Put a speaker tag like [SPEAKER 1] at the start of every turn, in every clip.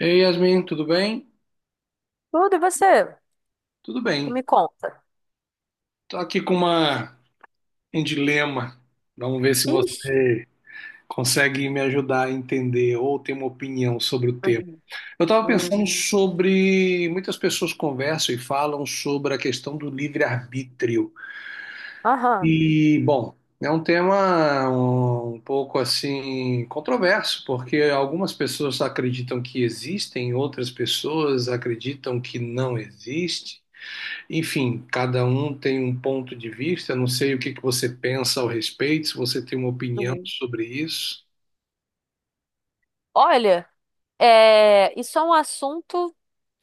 [SPEAKER 1] Ei, Yasmin, tudo bem?
[SPEAKER 2] Tudo, e você?
[SPEAKER 1] Tudo bem.
[SPEAKER 2] Me conta.
[SPEAKER 1] Tô aqui com uma, um dilema. Vamos ver se
[SPEAKER 2] Ixi.
[SPEAKER 1] você consegue me ajudar a entender ou ter uma opinião sobre o tema.
[SPEAKER 2] Uhum.
[SPEAKER 1] Eu estava
[SPEAKER 2] Uhum.
[SPEAKER 1] pensando sobre. Muitas pessoas conversam e falam sobre a questão do livre-arbítrio.
[SPEAKER 2] Aham.
[SPEAKER 1] E, bom, é um tema um pouco assim controverso, porque algumas pessoas acreditam que existem, outras pessoas acreditam que não existe. Enfim, cada um tem um ponto de vista. Não sei o que que você pensa ao respeito, se você tem uma opinião
[SPEAKER 2] Uhum.
[SPEAKER 1] sobre isso.
[SPEAKER 2] Olha, isso é um assunto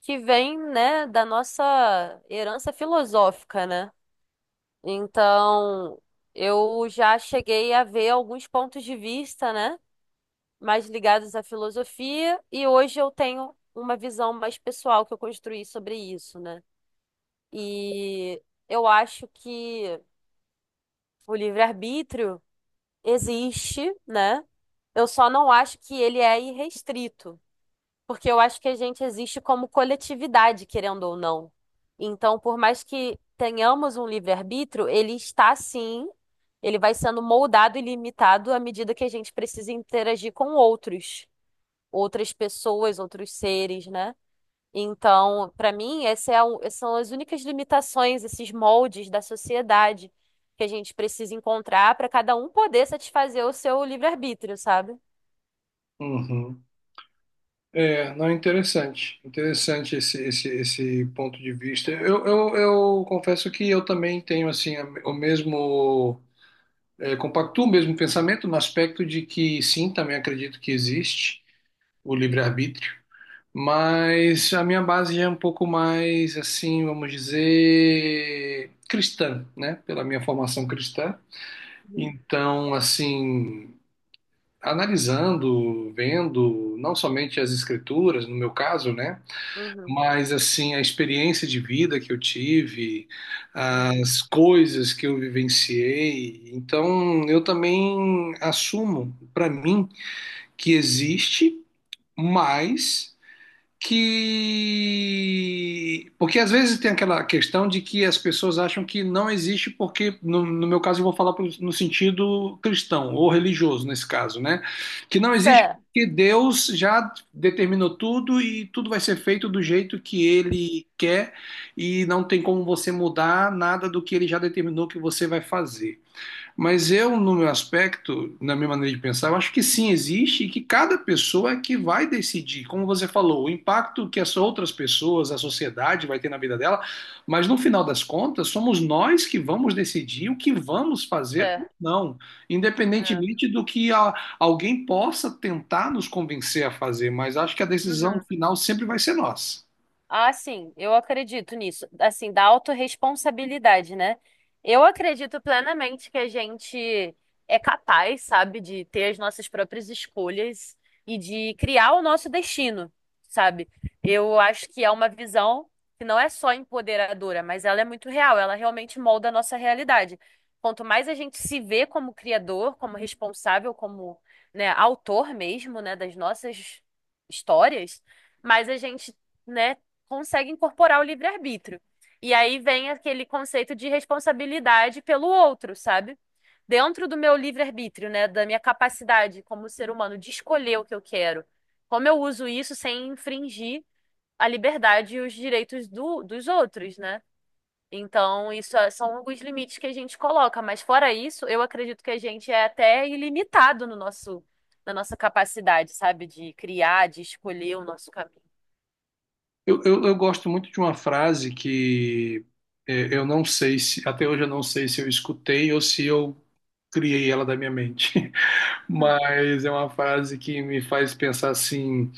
[SPEAKER 2] que vem, né, da nossa herança filosófica, né? Então, eu já cheguei a ver alguns pontos de vista, né, mais ligados à filosofia, e hoje eu tenho uma visão mais pessoal que eu construí sobre isso, né? E eu acho que o livre-arbítrio existe, né? Eu só não acho que ele é irrestrito, porque eu acho que a gente existe como coletividade, querendo ou não. Então, por mais que tenhamos um livre-arbítrio, ele está sim, ele vai sendo moldado e limitado à medida que a gente precisa interagir com outros, outras pessoas, outros seres, né? Então, para mim, essas são as únicas limitações, esses moldes da sociedade que a gente precisa encontrar para cada um poder satisfazer o seu livre-arbítrio, sabe?
[SPEAKER 1] Uhum. É, não, interessante. Interessante esse ponto de vista. Eu confesso que eu também tenho assim o mesmo, é, compactuo o mesmo pensamento no aspecto de que sim, também acredito que existe o livre-arbítrio. Mas a minha base é um pouco mais, assim, vamos dizer, cristã, né? Pela minha formação cristã.
[SPEAKER 2] Uhum,
[SPEAKER 1] Então, assim, analisando, vendo, não somente as escrituras, no meu caso, né?
[SPEAKER 2] uhum,
[SPEAKER 1] Mas, assim, a experiência de vida que eu tive,
[SPEAKER 2] uhum.
[SPEAKER 1] as coisas que eu vivenciei. Então, eu também assumo para mim que existe, mas que. Porque às vezes tem aquela questão de que as pessoas acham que não existe, porque, no meu caso, eu vou falar no sentido cristão ou religioso, nesse caso, né? Que não existe
[SPEAKER 2] Certo.
[SPEAKER 1] porque Deus já determinou tudo e tudo vai ser feito do jeito que ele quer e não tem como você mudar nada do que ele já determinou que você vai fazer. Mas eu, no meu aspecto, na minha maneira de pensar, eu acho que sim existe e que cada pessoa é que vai decidir, como você falou, o impacto que as outras pessoas, a sociedade vai ter na vida dela, mas no final das contas, somos nós que vamos decidir o que vamos fazer ou
[SPEAKER 2] É.
[SPEAKER 1] não, independentemente do que alguém possa tentar nos convencer a fazer, mas acho que a decisão
[SPEAKER 2] Uhum.
[SPEAKER 1] final sempre vai ser nossa.
[SPEAKER 2] Ah, sim, eu acredito nisso. Assim, da autorresponsabilidade, né? Eu acredito plenamente que a gente é capaz, sabe, de ter as nossas próprias escolhas e de criar o nosso destino, sabe? Eu acho que é uma visão que não é só empoderadora, mas ela é muito real, ela realmente molda a nossa realidade. Quanto mais a gente se vê como criador, como responsável, como, né, autor mesmo, né, das nossas histórias, mais a gente, né, consegue incorporar o livre-arbítrio. E aí vem aquele conceito de responsabilidade pelo outro, sabe? Dentro do meu livre-arbítrio, né? Da minha capacidade como ser humano de escolher o que eu quero. Como eu uso isso sem infringir a liberdade e os direitos dos outros, né? Então, são alguns limites que a gente coloca, mas fora isso, eu acredito que a gente é até ilimitado no nosso, na nossa capacidade, sabe, de criar, de escolher o nosso caminho.
[SPEAKER 1] Eu gosto muito de uma frase que é, eu não sei se, até hoje eu não sei se eu escutei ou se eu criei ela da minha mente, mas é uma frase que me faz pensar assim.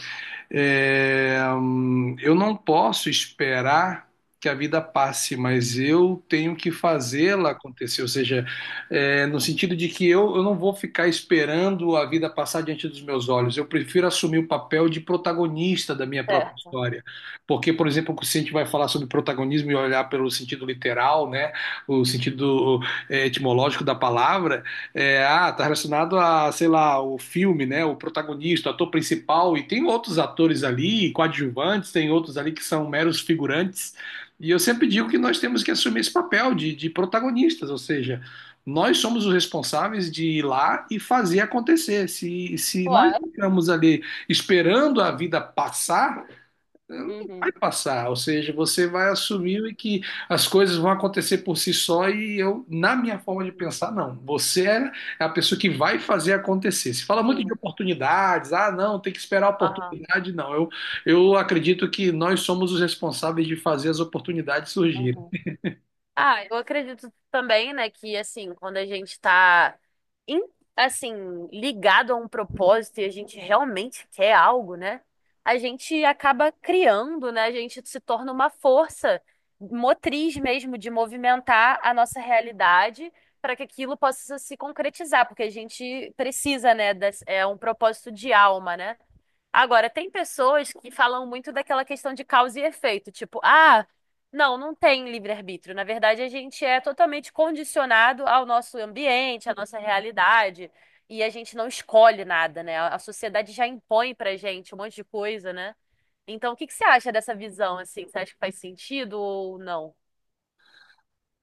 [SPEAKER 1] É, eu não posso esperar que a vida passe, mas eu tenho que fazê-la acontecer. Ou seja, é, no sentido de que eu não vou ficar esperando a vida passar diante dos meus olhos. Eu prefiro assumir o papel de protagonista da minha própria
[SPEAKER 2] Certo.
[SPEAKER 1] história. Porque, por exemplo, se a gente vai falar sobre protagonismo e olhar pelo sentido literal, né, o sentido é, etimológico da palavra, é, ah, tá relacionado a, sei lá, o filme, né? O protagonista, o ator principal, e tem outros atores ali, coadjuvantes, tem outros ali que são meros figurantes. E eu sempre digo que nós temos que assumir esse papel de protagonistas, ou seja, nós somos os responsáveis de ir lá e fazer acontecer. Se nós
[SPEAKER 2] Uau.
[SPEAKER 1] ficamos ali esperando a vida passar, não vai
[SPEAKER 2] Uhum.
[SPEAKER 1] passar, ou seja, você vai
[SPEAKER 2] Sim.
[SPEAKER 1] assumir que as coisas vão acontecer por si só e eu, na minha forma de
[SPEAKER 2] Uhum.
[SPEAKER 1] pensar, não. Você é é a pessoa que vai fazer acontecer. Se fala muito de
[SPEAKER 2] Sim.
[SPEAKER 1] oportunidades, ah, não, tem que esperar a
[SPEAKER 2] Aham.
[SPEAKER 1] oportunidade, não. Eu acredito que nós somos os responsáveis de fazer as oportunidades surgirem.
[SPEAKER 2] Uhum. Ah, eu acredito também, né, que assim, quando a gente tá em- assim, ligado a um propósito e a gente realmente quer algo, né? A gente acaba criando, né? A gente se torna uma força motriz mesmo de movimentar a nossa realidade para que aquilo possa se concretizar, porque a gente precisa, né, é um propósito de alma, né? Agora, tem pessoas que falam muito daquela questão de causa e efeito, tipo, ah, não tem livre-arbítrio. Na verdade, a gente é totalmente condicionado ao nosso ambiente, à nossa realidade, e a gente não escolhe nada, né? A sociedade já impõe pra gente um monte de coisa, né? Então, o que que você acha dessa visão, assim? Você acha que faz sentido ou não?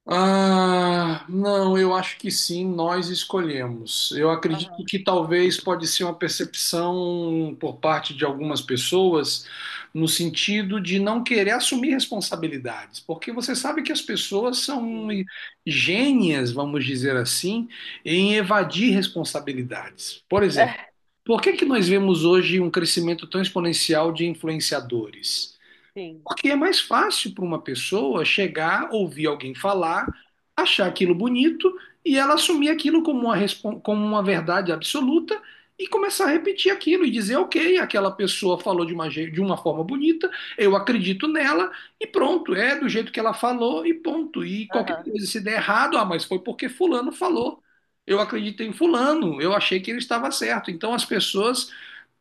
[SPEAKER 1] Ah, não, eu acho que sim, nós escolhemos. Eu acredito
[SPEAKER 2] Aham,
[SPEAKER 1] que talvez pode ser uma percepção por parte de algumas pessoas no sentido de não querer assumir responsabilidades, porque você sabe que as pessoas são
[SPEAKER 2] sim.
[SPEAKER 1] gênias, vamos dizer assim, em evadir responsabilidades. Por exemplo, por que que nós vemos hoje um crescimento tão exponencial de influenciadores?
[SPEAKER 2] Sim.
[SPEAKER 1] Porque é mais fácil para uma pessoa chegar, ouvir alguém falar, achar aquilo bonito e ela assumir aquilo como uma, como uma verdade absoluta e começar a repetir aquilo e dizer, ok, aquela pessoa falou de uma, de uma forma bonita, eu acredito nela e pronto, é do jeito que ela falou e ponto. E qualquer
[SPEAKER 2] Aham,
[SPEAKER 1] coisa, se der errado, ah, mas foi porque fulano falou. Eu acreditei em fulano, eu achei que ele estava certo. Então as pessoas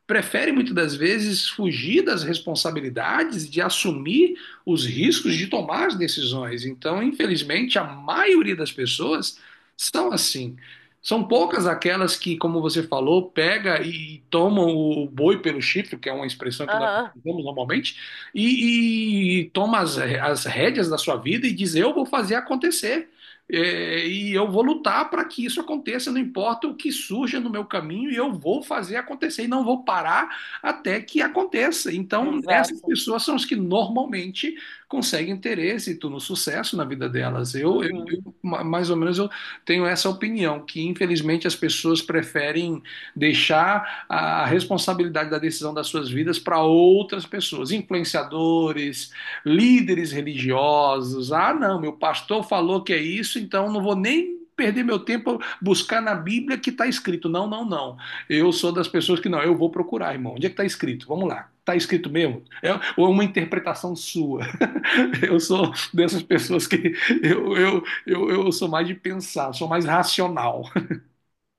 [SPEAKER 1] prefere muitas das vezes fugir das responsabilidades, de assumir os riscos de tomar as decisões. Então, infelizmente, a maioria das pessoas são assim. São
[SPEAKER 2] sim.
[SPEAKER 1] poucas aquelas que, como você falou, pega e tomam o boi pelo chifre, que é uma expressão que nós
[SPEAKER 2] Aham,
[SPEAKER 1] usamos normalmente, e toma as rédeas da sua vida e diz: Eu vou fazer acontecer. É, e eu vou lutar para que isso aconteça, não importa o que surja no meu caminho, e eu vou fazer acontecer e não vou parar até que aconteça. Então, essas
[SPEAKER 2] exato.
[SPEAKER 1] pessoas são as que normalmente conseguem ter êxito no sucesso na vida delas. Eu, eu,
[SPEAKER 2] Uhum.
[SPEAKER 1] eu ma- mais ou menos, eu tenho essa opinião, que infelizmente as pessoas preferem deixar a responsabilidade da decisão das suas vidas para outras pessoas, influenciadores líderes religiosos. Ah, não, meu pastor falou que é isso, então não vou nem perder meu tempo buscar na Bíblia que está escrito. Não, não, não. Eu sou das pessoas que não, eu vou procurar, irmão. Onde é que está escrito? Vamos lá. Está escrito mesmo? É, ou é uma interpretação sua? Eu sou dessas pessoas que eu sou mais de pensar, sou mais racional.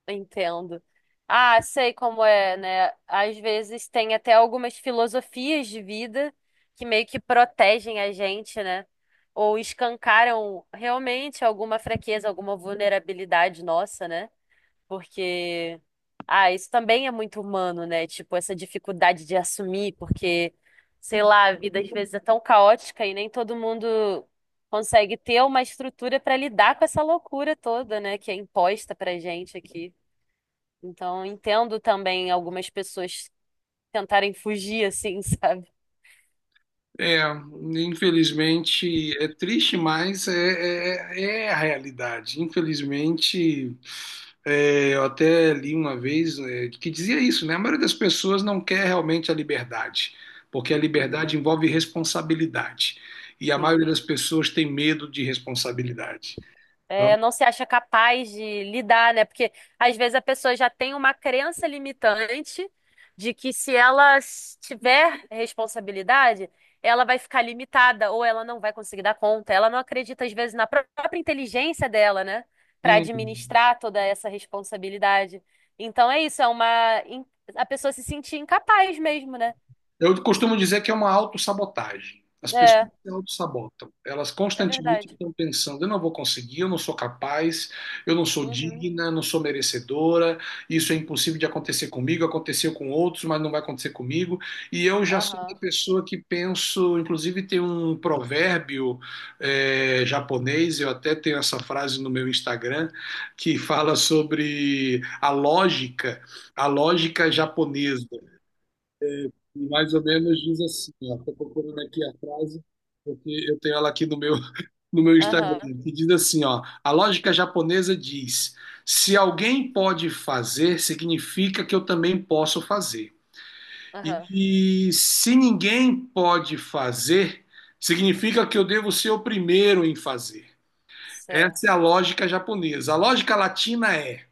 [SPEAKER 2] Entendo. Ah, sei como é, né? Às vezes tem até algumas filosofias de vida que meio que protegem a gente, né? Ou escancaram realmente alguma fraqueza, alguma vulnerabilidade nossa, né? Porque, ah, isso também é muito humano, né? Tipo, essa dificuldade de assumir, porque, sei lá, a vida às vezes é tão caótica e nem todo mundo consegue ter uma estrutura para lidar com essa loucura toda, né? Que é imposta pra gente aqui. Então, entendo também algumas pessoas tentarem fugir assim, sabe?
[SPEAKER 1] É, infelizmente é triste, mas é, é a realidade. Infelizmente É, eu até li uma vez, é, que dizia isso, né? A maioria das pessoas não quer realmente a liberdade, porque a
[SPEAKER 2] Uhum.
[SPEAKER 1] liberdade envolve responsabilidade. E a maioria
[SPEAKER 2] Sim.
[SPEAKER 1] das pessoas tem medo de responsabilidade. Então,
[SPEAKER 2] É, não se acha capaz de lidar, né? Porque às vezes a pessoa já tem uma crença limitante de que se ela s- tiver responsabilidade, ela vai ficar limitada ou ela não vai conseguir dar conta. Ela não acredita às vezes própria inteligência dela, né? Para
[SPEAKER 1] hum,
[SPEAKER 2] administrar toda essa responsabilidade. Então é isso, a pessoa se sentir incapaz mesmo, né?
[SPEAKER 1] eu costumo dizer que é uma autossabotagem. As pessoas
[SPEAKER 2] É,
[SPEAKER 1] se autossabotam. Elas
[SPEAKER 2] é
[SPEAKER 1] constantemente
[SPEAKER 2] verdade.
[SPEAKER 1] estão pensando: eu não vou conseguir, eu não sou capaz, eu não sou
[SPEAKER 2] Uhum.
[SPEAKER 1] digna, eu não sou merecedora, isso é impossível de acontecer comigo, aconteceu com outros, mas não vai acontecer comigo. E eu já sou uma
[SPEAKER 2] Aham.
[SPEAKER 1] pessoa que penso, inclusive tem um provérbio japonês, eu até tenho essa frase no meu Instagram, que fala sobre a lógica japonesa. E mais ou menos diz assim, ó, tô procurando aqui a frase, porque eu tenho ela aqui no meu, no meu Instagram,
[SPEAKER 2] Aham.
[SPEAKER 1] que diz assim, ó, a lógica japonesa diz, se alguém pode fazer, significa que eu também posso fazer.
[SPEAKER 2] Aham.
[SPEAKER 1] E, e se ninguém pode fazer, significa que eu devo ser o primeiro em fazer. Essa é
[SPEAKER 2] Certo.
[SPEAKER 1] a lógica japonesa. A lógica latina é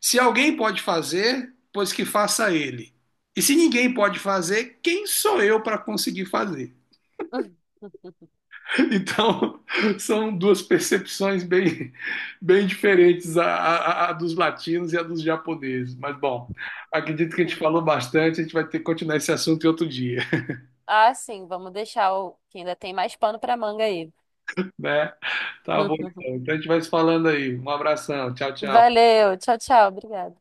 [SPEAKER 1] se alguém pode fazer, pois que faça ele. E se ninguém pode fazer, quem sou eu para conseguir fazer? Então, são duas percepções bem, bem diferentes, a dos latinos e a dos japoneses. Mas, bom, acredito que a gente falou bastante, a gente vai ter que continuar esse assunto em outro dia,
[SPEAKER 2] Ah, sim, vamos deixar o que ainda tem mais pano para manga aí.
[SPEAKER 1] né? Tá bom, então. Então, a gente vai se falando aí. Um abração, tchau, tchau.
[SPEAKER 2] Valeu, tchau, tchau, obrigada.